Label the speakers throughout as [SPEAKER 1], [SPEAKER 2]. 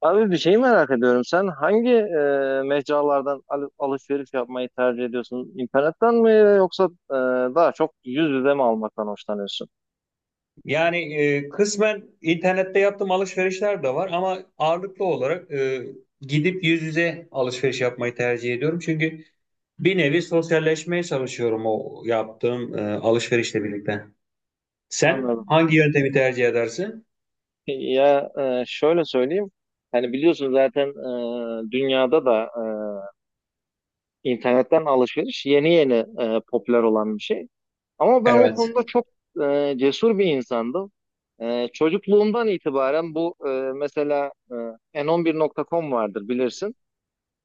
[SPEAKER 1] Abi bir şey merak ediyorum. Sen hangi mecralardan alışveriş yapmayı tercih ediyorsun? İnternetten mi yoksa e, daha çok yüz yüze mi almaktan hoşlanıyorsun?
[SPEAKER 2] Yani kısmen internette yaptığım alışverişler de var ama ağırlıklı olarak gidip yüz yüze alışveriş yapmayı tercih ediyorum. Çünkü bir nevi sosyalleşmeye çalışıyorum o yaptığım alışverişle birlikte. Sen
[SPEAKER 1] Anladım.
[SPEAKER 2] hangi yöntemi tercih edersin?
[SPEAKER 1] Ya şöyle söyleyeyim. Hani biliyorsun zaten dünyada da internetten alışveriş yeni yeni popüler olan bir şey. Ama ben o
[SPEAKER 2] Evet.
[SPEAKER 1] konuda çok cesur bir insandım. Çocukluğumdan itibaren bu mesela n11.com vardır bilirsin.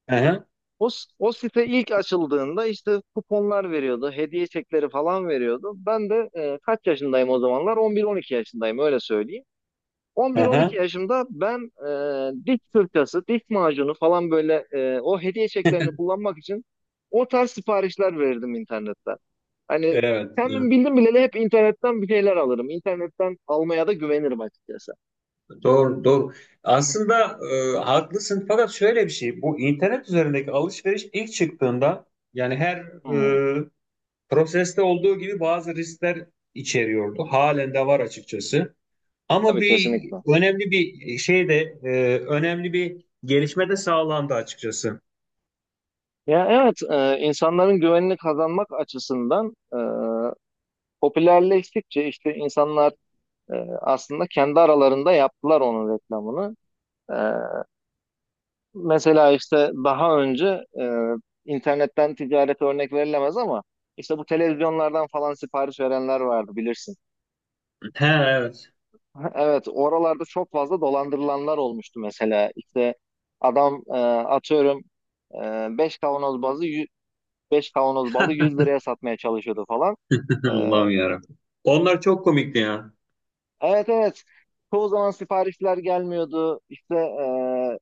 [SPEAKER 2] Aha,
[SPEAKER 1] O, o site ilk açıldığında işte kuponlar veriyordu, hediye çekleri falan veriyordu. Ben de kaç yaşındayım o zamanlar? On bir on iki yaşındayım, öyle söyleyeyim. On bir on iki
[SPEAKER 2] aha.
[SPEAKER 1] yaşımda ben diş fırçası, diş macunu falan böyle o hediye çeklerini kullanmak için o tarz siparişler verirdim internetten. Hani
[SPEAKER 2] Evet,
[SPEAKER 1] kendim
[SPEAKER 2] evet.
[SPEAKER 1] bildim bileli hep internetten bir şeyler alırım. İnternetten almaya da güvenirim açıkçası.
[SPEAKER 2] Doğru, doğru. Aslında haklısın, fakat şöyle bir şey. Bu internet üzerindeki alışveriş ilk çıktığında, yani her
[SPEAKER 1] Hı hı.
[SPEAKER 2] proseste olduğu gibi, bazı riskler içeriyordu. Halen de var açıkçası. Ama
[SPEAKER 1] Tabii,
[SPEAKER 2] bir
[SPEAKER 1] kesinlikle.
[SPEAKER 2] önemli bir şey de önemli bir gelişme de sağlandı açıkçası.
[SPEAKER 1] Ya, evet, insanların güvenini kazanmak açısından popülerleştikçe işte insanlar e, aslında kendi aralarında yaptılar onun reklamını. E, Mesela işte daha önce internetten ticaret örnek verilemez ama işte bu televizyonlardan falan sipariş verenler vardı bilirsin.
[SPEAKER 2] He, evet.
[SPEAKER 1] Evet, oralarda çok fazla dolandırılanlar olmuştu mesela. İşte adam atıyorum, e, 5 kavanoz bazı 5 kavanoz balı 100 liraya satmaya çalışıyordu falan. E,
[SPEAKER 2] Allah'ım yarabbim. Onlar çok komikti ya.
[SPEAKER 1] Evet, evet. Çoğu zaman siparişler gelmiyordu. İşte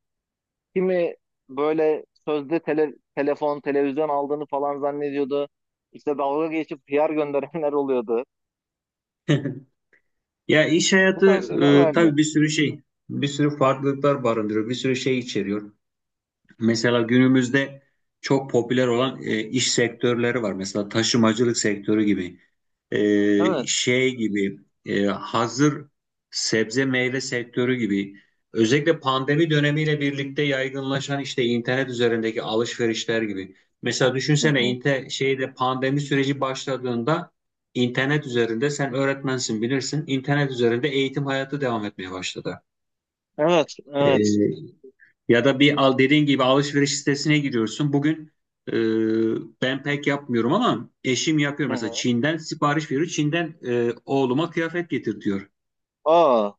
[SPEAKER 1] kimi böyle sözde telefon, televizyon aldığını falan zannediyordu. İşte dalga geçip PR gönderenler oluyordu.
[SPEAKER 2] Ya, iş
[SPEAKER 1] Bu
[SPEAKER 2] hayatı
[SPEAKER 1] tarz şeyler vardı.
[SPEAKER 2] tabii bir sürü şey, bir sürü farklılıklar barındırıyor, bir sürü şey içeriyor. Mesela günümüzde çok popüler olan iş sektörleri var. Mesela taşımacılık sektörü gibi,
[SPEAKER 1] Evet.
[SPEAKER 2] şey gibi, hazır sebze meyve sektörü gibi. Özellikle pandemi dönemiyle birlikte yaygınlaşan işte internet üzerindeki alışverişler gibi. Mesela
[SPEAKER 1] Hı
[SPEAKER 2] düşünsene,
[SPEAKER 1] hı.
[SPEAKER 2] şeyde pandemi süreci başladığında internet üzerinde, sen öğretmensin bilirsin, İnternet üzerinde eğitim hayatı devam etmeye başladı.
[SPEAKER 1] Evet, evet.
[SPEAKER 2] Ya da bir, al dediğin gibi alışveriş sitesine giriyorsun. Bugün e, ben pek yapmıyorum ama eşim yapıyor.
[SPEAKER 1] Hı
[SPEAKER 2] Mesela
[SPEAKER 1] hı.
[SPEAKER 2] Çin'den sipariş veriyor. Çin'den oğluma kıyafet getir diyor.
[SPEAKER 1] Aa,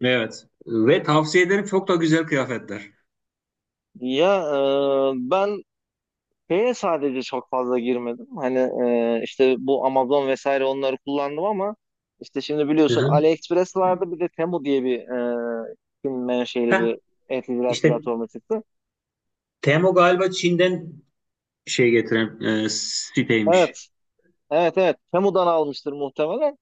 [SPEAKER 2] Evet. Ve tavsiye ederim, çok da güzel kıyafetler.
[SPEAKER 1] ya ben şeye sadece çok fazla girmedim. Hani işte bu Amazon vesaire onları kullandım ama işte şimdi
[SPEAKER 2] Hı
[SPEAKER 1] biliyorsun
[SPEAKER 2] hı.
[SPEAKER 1] AliExpress vardı, bir de Temu diye bir e, Çin menşeli
[SPEAKER 2] Heh,
[SPEAKER 1] bir e-ticaret
[SPEAKER 2] işte
[SPEAKER 1] platformu çıktı.
[SPEAKER 2] Temu galiba Çin'den şey getiren siteymiş.
[SPEAKER 1] Evet. Evet, evet. Temu'dan almıştır muhtemelen.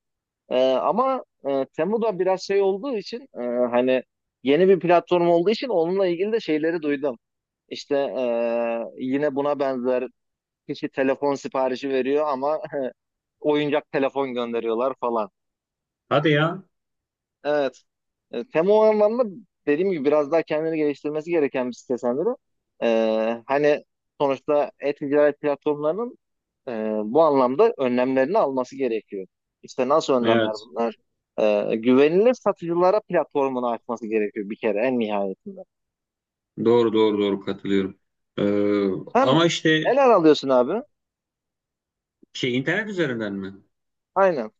[SPEAKER 1] Ama Temu da biraz şey olduğu için, hani yeni bir platform olduğu için onunla ilgili de şeyleri duydum. İşte yine buna benzer kişi telefon siparişi veriyor ama oyuncak telefon gönderiyorlar falan.
[SPEAKER 2] Hadi ya.
[SPEAKER 1] Evet. Tem o anlamda, dediğim gibi, biraz daha kendini geliştirmesi gereken bir site sendiri. Hani sonuçta e-ticaret platformlarının e, bu anlamda önlemlerini alması gerekiyor. İşte nasıl önlemler
[SPEAKER 2] Evet.
[SPEAKER 1] bunlar? Güvenilir satıcılara platformunu açması gerekiyor bir kere en nihayetinde.
[SPEAKER 2] Doğru, doğru, doğru, katılıyorum. Ee,
[SPEAKER 1] Hem
[SPEAKER 2] ama işte
[SPEAKER 1] neler alıyorsun abi?
[SPEAKER 2] şey, internet üzerinden mi?
[SPEAKER 1] Aynen.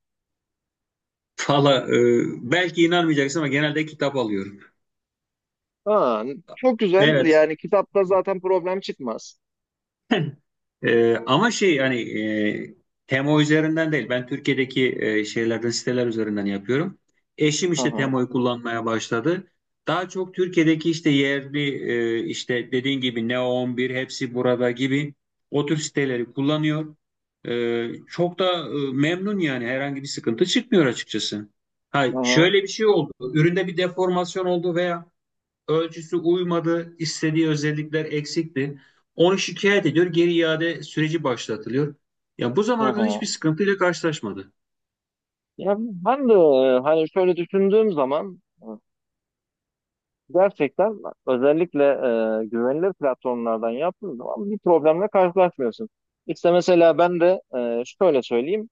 [SPEAKER 2] Valla belki inanmayacaksın ama genelde kitap alıyorum.
[SPEAKER 1] Ha, çok güzel.
[SPEAKER 2] Evet.
[SPEAKER 1] Yani kitapta zaten problem çıkmaz.
[SPEAKER 2] Ama şey, hani Temo üzerinden değil. Ben Türkiye'deki şeylerden, siteler üzerinden yapıyorum. Eşim
[SPEAKER 1] Hı
[SPEAKER 2] işte
[SPEAKER 1] hı.
[SPEAKER 2] Temo'yu kullanmaya başladı. Daha çok Türkiye'deki işte yerli, işte dediğin gibi Neo 11, hepsi burada gibi o tür siteleri kullanıyor. Çok da memnun, yani herhangi bir sıkıntı çıkmıyor açıkçası. Hay,
[SPEAKER 1] Hı hı.
[SPEAKER 2] şöyle bir şey oldu. Üründe bir deformasyon oldu veya ölçüsü uymadı, istediği özellikler eksikti. Onu şikayet ediyor, geri iade süreci başlatılıyor. Ya bu
[SPEAKER 1] Hı
[SPEAKER 2] zamana kadar hiçbir
[SPEAKER 1] hı.
[SPEAKER 2] sıkıntıyla karşılaşmadı.
[SPEAKER 1] Ya ben de hani şöyle düşündüğüm zaman gerçekten, özellikle güvenilir platformlardan yaptığın zaman bir problemle karşılaşmıyorsun. İşte mesela ben de şöyle söyleyeyim.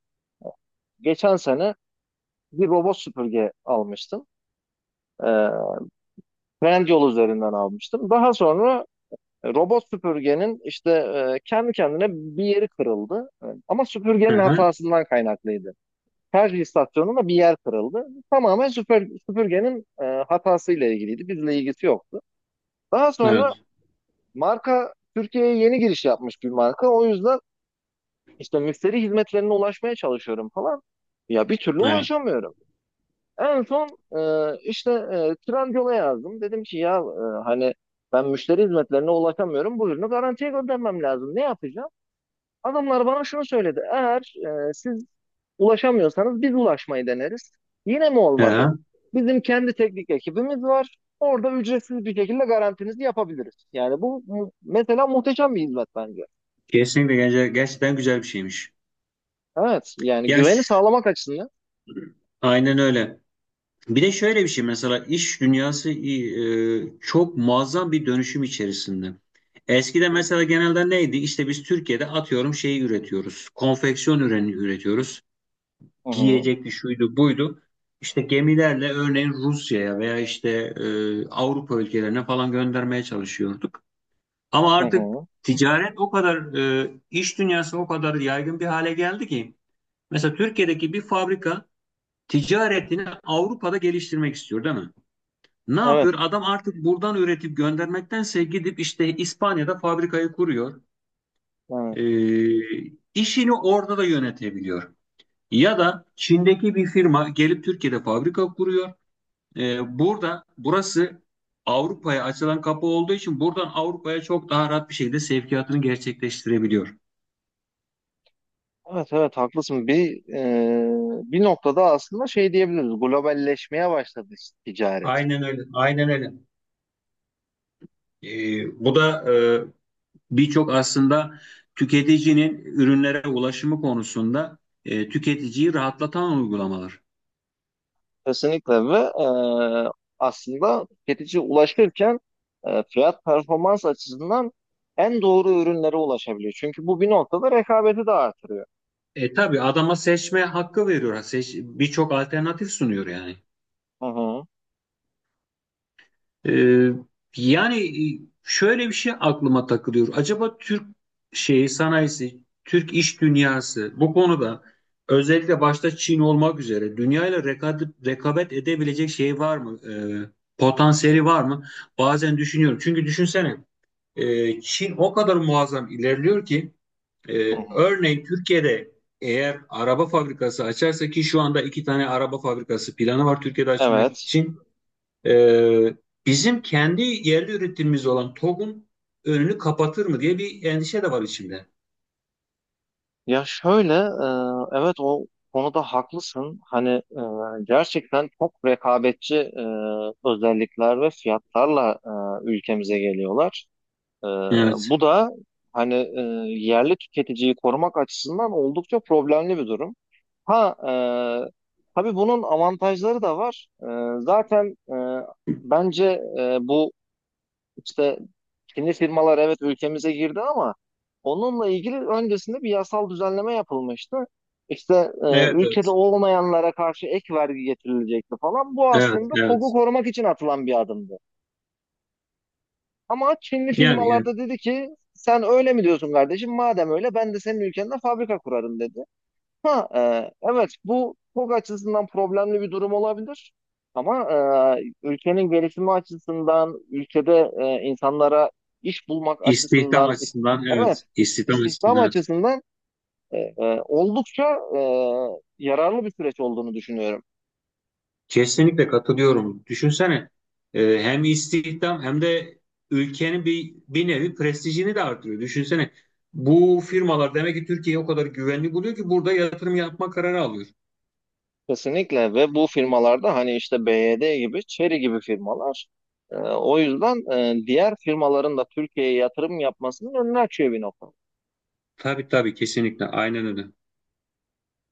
[SPEAKER 1] Geçen sene bir robot süpürge almıştım. E, Trendyol üzerinden almıştım. Daha sonra robot süpürgenin işte kendi kendine bir yeri kırıldı. Ama
[SPEAKER 2] Hı
[SPEAKER 1] süpürgenin
[SPEAKER 2] hı,
[SPEAKER 1] hatasından kaynaklıydı. Şarj istasyonunda bir yer kırıldı. Tamamen süpürgenin hatasıyla ilgiliydi. Bizle ilgisi yoktu. Daha sonra
[SPEAKER 2] evet,
[SPEAKER 1] marka Türkiye'ye yeni giriş yapmış bir marka. O yüzden işte müşteri hizmetlerine ulaşmaya çalışıyorum falan. Ya bir türlü
[SPEAKER 2] evet.
[SPEAKER 1] ulaşamıyorum. En son işte Trendyol'a yazdım. Dedim ki ya, hani, ben müşteri hizmetlerine ulaşamıyorum. Bu ürünü garantiye göndermem lazım. Ne yapacağım? Adamlar bana şunu söyledi. Eğer siz ulaşamıyorsanız biz ulaşmayı deneriz. Yine mi
[SPEAKER 2] Hı
[SPEAKER 1] olmadı?
[SPEAKER 2] hı.
[SPEAKER 1] Bizim kendi teknik ekibimiz var. Orada ücretsiz bir şekilde garantinizi yapabiliriz. Yani bu mesela muhteşem bir hizmet bence.
[SPEAKER 2] Kesinlikle gerçekten güzel bir şeymiş.
[SPEAKER 1] Evet, yani
[SPEAKER 2] Ya,
[SPEAKER 1] güveni sağlamak açısından.
[SPEAKER 2] aynen öyle. Bir de şöyle bir şey, mesela iş dünyası çok muazzam bir dönüşüm içerisinde. Eskiden mesela genelde neydi? İşte biz Türkiye'de, atıyorum, şeyi üretiyoruz. Konfeksiyon ürünü üretiyoruz,
[SPEAKER 1] Hı hı,
[SPEAKER 2] giyecekti, şuydu, buydu. İşte gemilerle örneğin Rusya'ya veya işte Avrupa ülkelerine falan göndermeye çalışıyorduk. Ama
[SPEAKER 1] hı
[SPEAKER 2] artık
[SPEAKER 1] hı.
[SPEAKER 2] ticaret o kadar iş dünyası o kadar yaygın bir hale geldi ki mesela Türkiye'deki bir fabrika ticaretini Avrupa'da geliştirmek istiyor değil mi? Ne
[SPEAKER 1] Evet,
[SPEAKER 2] yapıyor? Adam artık buradan üretip göndermektense gidip işte İspanya'da fabrikayı kuruyor.
[SPEAKER 1] evet.
[SPEAKER 2] E, işini orada da yönetebiliyor. Ya da Çin'deki bir firma gelip Türkiye'de fabrika kuruyor. Burası Avrupa'ya açılan kapı olduğu için buradan Avrupa'ya çok daha rahat bir şekilde sevkiyatını gerçekleştirebiliyor.
[SPEAKER 1] Evet, evet, haklısın. Bir noktada aslında şey diyebiliriz. Globalleşmeye başladı ticaret.
[SPEAKER 2] Aynen öyle. Aynen öyle. Bu da birçok aslında tüketicinin ürünlere ulaşımı konusunda tüketiciyi rahatlatan uygulamalar.
[SPEAKER 1] Kesinlikle ve e, aslında tüketiciye ulaşırken fiyat performans açısından en doğru ürünlere ulaşabiliyor. Çünkü bu bir noktada rekabeti de artırıyor.
[SPEAKER 2] Tabii adama seçme hakkı veriyor. Seç, birçok alternatif sunuyor yani.
[SPEAKER 1] Hı hı,
[SPEAKER 2] Ee, yani şöyle bir şey aklıma takılıyor. Acaba Türk şeyi sanayisi, Türk iş dünyası bu konuda, özellikle başta Çin olmak üzere, dünyayla rekabet edebilecek şey var mı? Potansiyeli var mı? Bazen düşünüyorum. Çünkü düşünsene, Çin o kadar muazzam ilerliyor ki, e,
[SPEAKER 1] hı hı.
[SPEAKER 2] örneğin Türkiye'de eğer araba fabrikası açarsa, ki şu anda iki tane araba fabrikası planı var Türkiye'de açmak
[SPEAKER 1] Evet.
[SPEAKER 2] için. Ee, bizim kendi yerli üretimimiz olan TOG'un önünü kapatır mı diye bir endişe de var içimde.
[SPEAKER 1] Ya şöyle, evet, o konuda haklısın. Hani gerçekten çok rekabetçi özellikler ve fiyatlarla ülkemize geliyorlar. E,
[SPEAKER 2] Evet.
[SPEAKER 1] Bu da, hani, yerli tüketiciyi korumak açısından oldukça problemli bir durum. Ha, e, tabii bunun avantajları da var. Zaten bence bu işte Çinli firmalar, evet, ülkemize girdi ama onunla ilgili öncesinde bir yasal düzenleme yapılmıştı. İşte
[SPEAKER 2] Evet,
[SPEAKER 1] ülkede
[SPEAKER 2] evet.
[SPEAKER 1] olmayanlara karşı ek vergi getirilecekti falan. Bu
[SPEAKER 2] Evet,
[SPEAKER 1] aslında TOG'u
[SPEAKER 2] evet.
[SPEAKER 1] korumak için atılan bir adımdı. Ama Çinli
[SPEAKER 2] Yani
[SPEAKER 1] firmalar
[SPEAKER 2] evet.
[SPEAKER 1] da dedi ki, sen öyle mi diyorsun kardeşim? Madem öyle ben de senin ülkende fabrika kurarım dedi. Ha, evet, bu çok açısından problemli bir durum olabilir. Ama ülkenin gelişimi açısından, ülkede insanlara iş bulmak
[SPEAKER 2] İstihdam
[SPEAKER 1] açısından,
[SPEAKER 2] açısından
[SPEAKER 1] evet,
[SPEAKER 2] evet. İstihdam
[SPEAKER 1] istihdam
[SPEAKER 2] açısından evet.
[SPEAKER 1] açısından oldukça yararlı bir süreç olduğunu düşünüyorum.
[SPEAKER 2] Kesinlikle katılıyorum. Düşünsene, hem istihdam hem de ülkenin bir, bir nevi prestijini de artırıyor. Düşünsene, bu firmalar demek ki Türkiye'yi o kadar güvenli buluyor ki burada yatırım yapma kararı alıyor.
[SPEAKER 1] Kesinlikle, ve bu firmalarda hani işte BYD gibi, Chery gibi firmalar, o yüzden diğer firmaların da Türkiye'ye yatırım yapmasının önünü açıyor bir nokta.
[SPEAKER 2] Tabii, tabii, kesinlikle aynen öyle.